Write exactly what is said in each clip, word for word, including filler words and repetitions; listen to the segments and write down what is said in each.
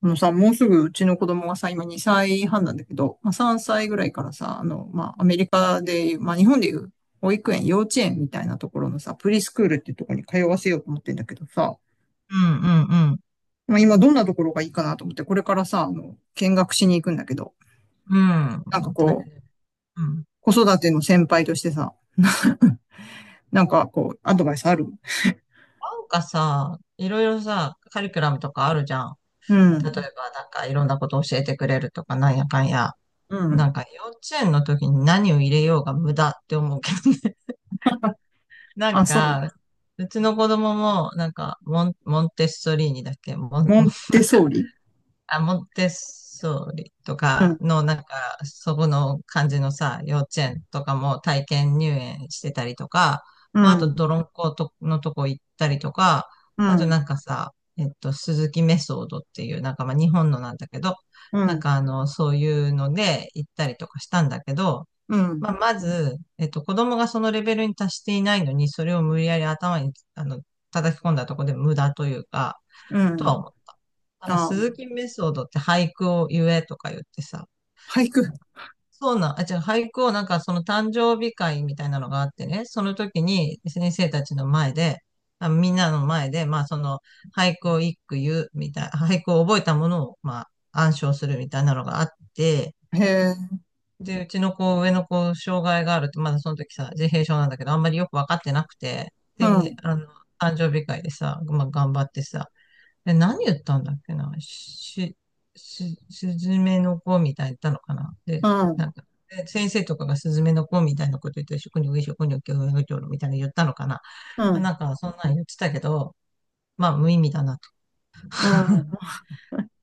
あのさ、もうすぐうちの子供がさ、今にさいはんなんだけど、まあ、さんさいぐらいからさ、あの、まあ、アメリカで、まあ、日本でいう保育園、幼稚園みたいなところのさ、プリスクールっていうところに通わせようと思ってんだけどさ、うんうんまあ、今どんなところがいいかなと思って、これからさ、あの、見学しに行くんだけど、うん。なんかうん。大こう、変。うん。子育ての先輩としてさ、なんかこう、アドバイスある？なんかさ、いろいろさ、カリキュラムとかあるじゃん。う例えば、ん、なんかいろんなこと教えてくれるとか、なんやかんや。うなん。んか幼稚園の時に何を入れようが無駄って思うけどね。なんあ、そう。か、うちの子供も、なんかモン、モンテッソリーニだっけモン、モモンンテソーリ。あ、モンテッソーリとうかん、の、なんか、そこの感じのさ、幼稚園とかも体験入園してたりとか、うまあ、あと、ん、泥んことのとこ行ったりとか、うあとん、なんかさ、えっと、鈴木メソードっていう、なんかまあ、日本のなんだけど、うなんん、かあの、そういうので行ったりとかしたんだけど、うん、まあ、まず、えっと、子供がそのレベルに達していないのに、それを無理やり頭に、あの、叩き込んだとこで無駄というか、うとはん。思った。なんかあ、鈴木メソードって俳句を言えとか言ってさ、俳句。そうなん、あ、違う、俳句をなんかその誕生日会みたいなのがあってね、その時に先生たちの前で、あ、みんなの前で、まあその俳句を一句言うみたい、俳句を覚えたものをまあ暗唱するみたいなのがあって、へえ。で、うちの子、上の子、障害があるって、まだその時さ、自閉症なんだけど、あんまりよくわかってなくて、うで、ん、あの、誕生日会でさ、まあ頑張ってさ、え、何言ったんだっけな、し、し、すずめの子みたいに言ったのかな、うで、なん、んか、で先生とかがすずめの子みたいなこと言って、食においにょきょ、食にょみたいなの言ったのかな。うまあん、なんか、そんなん言ってたけど、まあ、無意味だなとうか。 ん。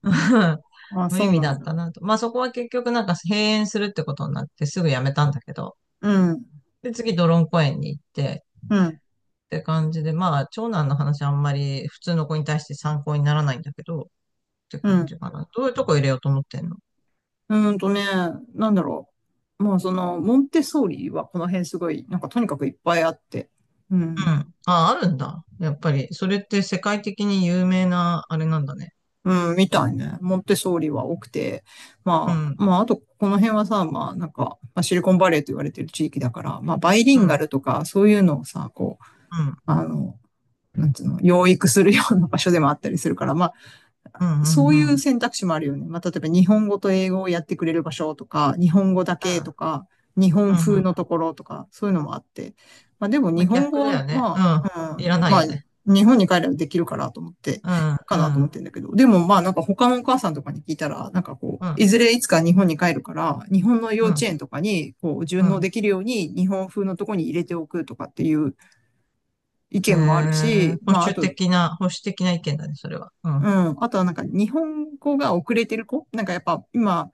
あ、無そ意う味なだんっだ。たなと。まあ、そこは結局なんか閉園するってことになってすぐやめたんだけど、うん、で、次、ドロン公園に行って、うん、って感じで、まあ、長男の話あんまり普通の子に対して参考にならないんだけど、ってう感ん。じかな。どういうとこ入れようと思ってんの？うーんとね、なんだろう。まあ、その、モンテッソーリはこの辺すごい、なんかとにかくいっぱいあって、ううん。ん、あ、あるんだ。やっぱり、それって世界的に有名な、あれなんだね。うん、みうたいね。モンテッソーリは多くて、ん、まうあ、まあ、あと、この辺はさ、まあ、なんか、まあ、シリコンバレーと言われてる地域だから、まあ、バイリん、ンうガん、ルとか、そういうのをさ、こう、うん、あの、なんつうの、養育するような場所でもあったりするから、まあうん、うそん、うういん、うう選択肢もあるよね。まあ、例えば日本語と英語をやってくれる場所とか、日本語だけとか、日本ん、う風のとん。ころとか、そういうのもあって。まあ、でもま日あ、本語逆だは、よね。うまん。あ、ういん、らないまあ、よね。日本に帰ればできるかなと思って、うん、かうなと思っん、てんだけど。でもまあなんか他のお母さんとかに聞いたら、なんかこうう、いん、ずれいつか日本に帰るから、日本の幼う稚ん、園とかにこうう順応ん。できるように日本風のとこに入れておくとかっていう意え見もあるー、し、保まああ守と、的な、保守的な意見だね、それは。ううん、ん。あとはなんか日本語が遅れてる子なんかやっぱ今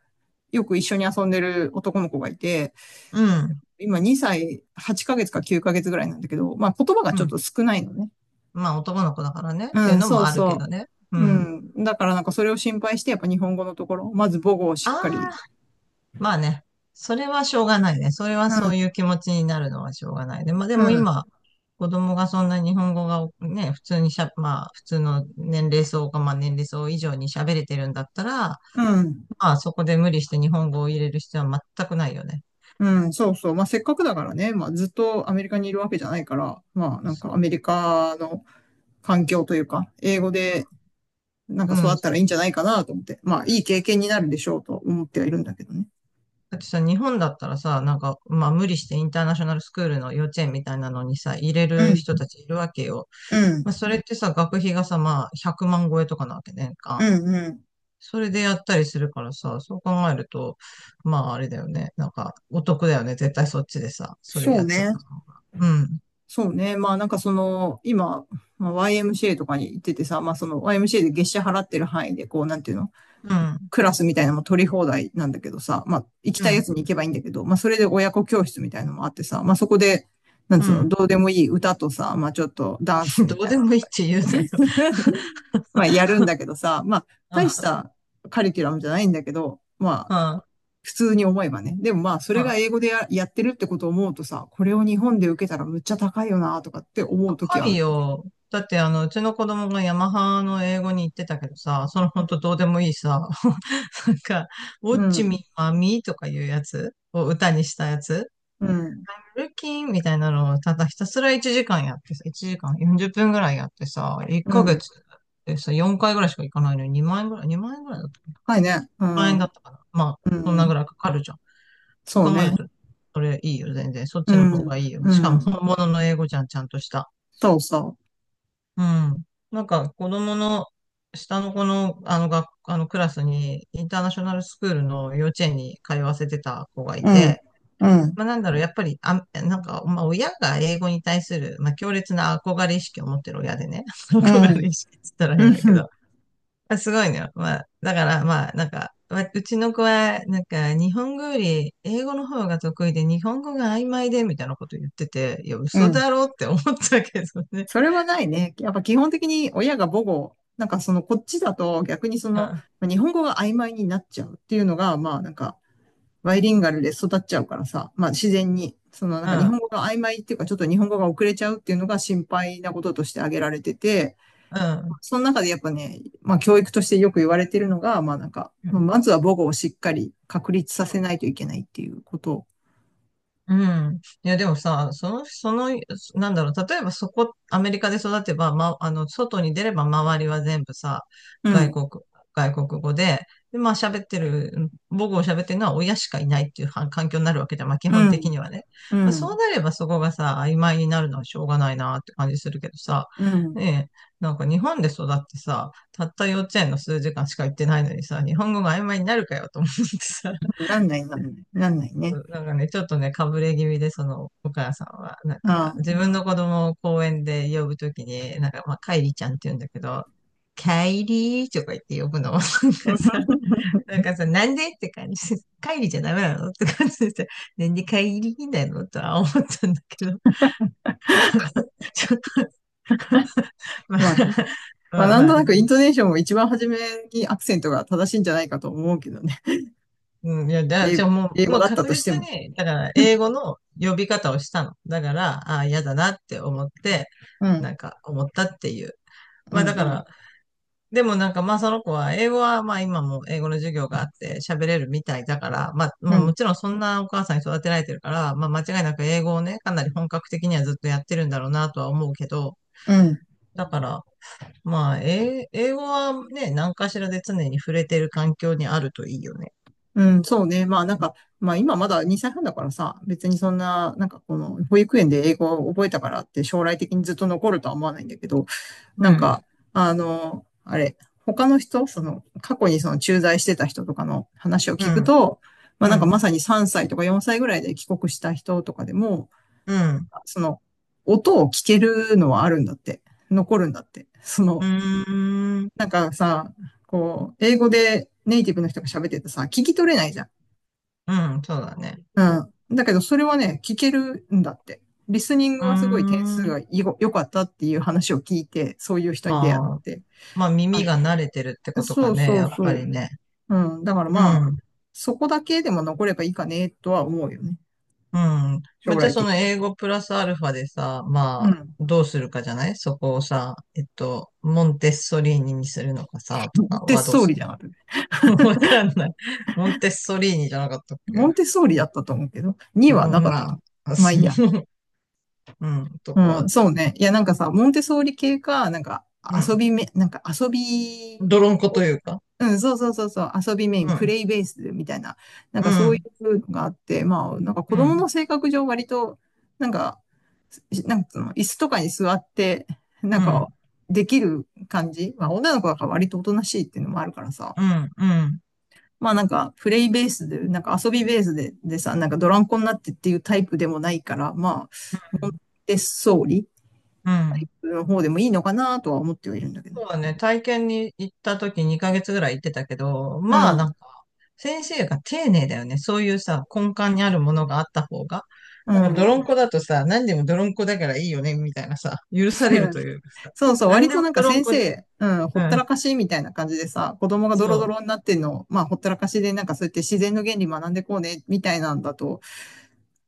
よく一緒に遊んでる男の子がいて、うん、今にさいはちかげつかきゅうかげつぐらいなんだけど、まあ言葉がうちょっん。と少ないのね。まあ、男の子だからね、うっていうん、のそもうあるけそどね。うう。うん。ん。だからなんかそれを心配してやっぱ日本語のところ、まず母語をあしっかり。ー、まあね、それはしょうがないね。それはうん、そういう気持ちになるのはしょうがないで、まあでうもん、今、子供がそんな日本語がね、普通にしゃ、まあ普通の年齢層が、まあ年齢層以上に喋れてるんだったら、うん、まあそこで無理して日本語を入れる必要は全くないよね。うん、そうそう。まあせっかくだからね、まあずっとアメリカにいるわけじゃないから、まあなんそかアう、メリカの環境というか、英語でなんうか育ん。だったらいいんじゃないかなと思って、まあいい経験になるでしょうと思ってはいるんだけどね。ってさ、日本だったらさ、なんか、まあ無理してインターナショナルスクールの幼稚園みたいなのにさ、入れうるん、人たちいるわけよ。うまん、あそれってさ、学費がさ、まあひゃくまん超えとかなわけね、年う間。ん、うん。それでやったりするからさ、そう考えると、まああれだよね。なんか、お得だよね。絶対そっちでさ、それそうやっちゃっね。た方が。うん、そうね。まあなんかその、今、まあ、ワイエムシーエー とかに行っててさ、まあその ワイエムシーエー で月謝払ってる範囲で、こうなんていうの、うん、クラスみたいなのも取り放題なんだけどさ、まあ行きうたいやん、つに行けばいいんだけど、まあそれで親子教室みたいなのもあってさ、まあそこで、なんうつうの、ん。どうでもいい歌とさ、まあちょっとダンス みどうたいでなのもといいっか、て言うなよ。まあ、やるんだけどさ、まあ、う大しん、たカリキュラムじゃないんだけど、まうん、あ、うん。普通に思えばね。でもまあ、それが英語でや、やってるってことを思うとさ、これを日本で受けたらむっちゃ高いよな、とかって思うとき高はあいる。よ。だって、あの、うちの子供がヤマハの英語に行ってたけどさ、そのほんとどうでもいいさ、なんか、ウォうッん、うチミーん、マミーとかいうやつを歌にしたやつうん。ルキンみたいなのをただひたすらいちじかんやってさ、いちじかんよんじゅっぷんぐらいやってさ、1うヶん、月でさ、よんかいぐらいしか行かないのににまん円ぐらい、にまん円ぐらいだったかな。高いね。う万円だっん、たかな。まあ、うそんなぐん。らいかかるじゃん。そうそ考うえるね。と、それいいよ、全然。そっうちの方がん、いいよ。うしかもん。本物の英語じゃん、ちゃんとした。そうそうん。なんか子供の、下の子の、あの学、あのクラスに、インターナショナルスクールの幼稚園に通わせてた子がいう。うん、て、うん、まあ、なんだろう、やっぱり、あ、なんか、まあ、親が英語に対する、まあ、強烈な憧れ意識を持ってる親でね、う憧れん、意識って言ったらう変だけど、ん、まあ、すごいのよ。まあ、だから、まあ、なんか、まあうちの子は、なんか、日本語より英語の方が得意で、日本語が曖昧で、みたいなこと言ってて、いや、う嘘ん。だろって思ったけどね。それはないね。やっぱ基本的に親が母語、なんかそのこっちだと逆にそうのん、まあ日本語が曖昧になっちゃうっていうのが、まあなんかバイリンガルで育っちゃうからさ、まあ自然に、そのなんうか日ん、本語が曖昧っていうかちょっと日本語が遅れちゃうっていうのが心配なこととして挙げられてて、うん、その中でやっぱね、まあ教育としてよく言われてるのが、まあなんか、うまあん。まずは母語をしっかり確立うさんせないといけないっていうこと。うん。いや、でもさ、その、その、なんだろう、例えばそこ、アメリカで育てば、ま、あの、外に出れば周りは全部さ、う外ん、国、外国語で、で、まあ喋ってる、母語を喋ってるのは親しかいないっていうは環境になるわけじゃん、まあ基う本的ん、にはね。うまあそうん、なればそこがさ、曖昧になるのはしょうがないなって感じするけどさ、うん。ねえ、なんか日本で育ってさ、たった幼稚園の数時間しか行ってないのにさ、日本語が曖昧になるかよと思ってさ、なんない、なんない、なんないうね。ん、なんかね、ちょっとね、かぶれ気味で、その、お母さんは、なんああ。か、自分の子供を公園で呼ぶときに、なんか、まあ、カイリちゃんって言うんだけど、カイリーとか言って呼ぶの。なんかさ、なんかさ、なんでって感じ。カイリじゃダメなのって感じでさ、なんでカイリーなのとは思ったんだけど、ちょっと、まあ、まあね。まあ、まあ、なんまあ、となくインうトネーションも一番初めにアクセントが正しいんじゃないかと思うけどね。うん、いや、だ から、英じ語、ゃあも英う、語もうだった確として実も。に、だから、英語の呼び方をしたの。だから、ああ、嫌だなって思って、うなん、んか思ったっていう、うまん、あだかうら、ん、でもなんかまあその子は英語はまあ今も英語の授業があって喋れるみたいだから、まあ、うまあもん、ちろんそんなお母さんに育てられてるから、まあ間違いなく英語をね、かなり本格的にはずっとやってるんだろうなとは思うけど、うん、だから、まあ、英英語はね、何かしらで常に触れてる環境にあるといいよね。うん、そうね。まあなんか、まあ今まだにさいはんだからさ、別にそんな、なんかこの保育園で英語を覚えたからって将来的にずっと残るとは思わないんだけど、うなんん。か、あの、あれ、他の人、その過去にその駐在してた人とかの話をう聞くん、と、まあうなんかん、まさにさんさいとかよんさいぐらいで帰国した人とかでも、うん、その、音を聞けるのはあるんだって。残るんだって。そうの、ーん、なんかさ、こう、英語でネイティブの人が喋っててさ、聞き取れないじゃん。うん、そうだね。うん。だけど、それはね、聞けるんだって。リスニングうーはすごい点数ん、がい良かったっていう話を聞いて、そういう人に出会ああ、って。まあ耳あ、が慣れてるってことかそうね、そやうっぱそりね。う。うん。だからうまあ、ん、そこだけでも残ればいいかね、とは思うよね。うん。将まあ、じゃ来あ的そに。の英語プラスアルファでさ、まうあ、ん。どうするかじゃないそこをさ、えっと、モンテッソリーニにするのかさ、と かデはススどうトーすリーるじゃの？ ん、私。わかんない。モンテッソリーニじゃなかったっモけ？ンテソーリだったと思うけど、にはうなん、かったとまあ、思あ、う。まあいそいう、や。うん、とかうは、ん、そうね。いや、なんかさ、モンテソーリ系か、なんかう遊ん。びめ、なんか遊び泥んことを、いうか、うん、そうそうそうそう、遊びメイン、うプん、レイベースみたいな、なんうかそういん、うのがあって、まあ、なんか子う供のん、性格上割と、なんか、しなんかの、椅子とかに座って、なうんか、ん、できる感じ。まあ、女の子だから割とおとなしいっていうのもあるからさ、うん、うん、うん、まあなんか、プレイベースで、なんか遊びベースで、でさ、なんかドランコになってっていうタイプでもないから、まあ、う不ん、手総理うん。の方でもいいのかなとは思ってはいるんだけど。そうだね、体験に行った時にかげつぐらい行ってたけど、うまあなん。んか、先生が丁寧だよね。そういうさ、根幹にあるものがあった方が。うなんか泥んん。こだとさ、何でも泥んこだからいいよね、みたいなさ、許されると いうかさ、そうそう、何割でともなんか泥ん先こ生、で、うん、ほうったらん、かしみたいな感じでさ、子供がドそロドう。ロになってんのを、まあほったらかしでなんかそうやって自然の原理学んでこうね、みたいなんだと、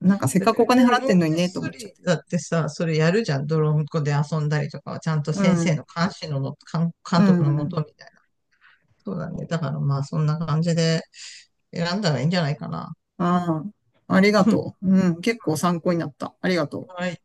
なんかせっだっかてくお金別に払っモンてんのにテッね、とソ思っちゃっリて。だってさ、それやるじゃん。泥んこで遊んだりとかは、ちゃんとう先生のん。監視のもと、監う監督のもとん。みたいな。そうだね。だからまあそんな感じで選んだらいいんじゃないかな。ああ、ありが とう。うん、結構参考になった。ありがとう。はい。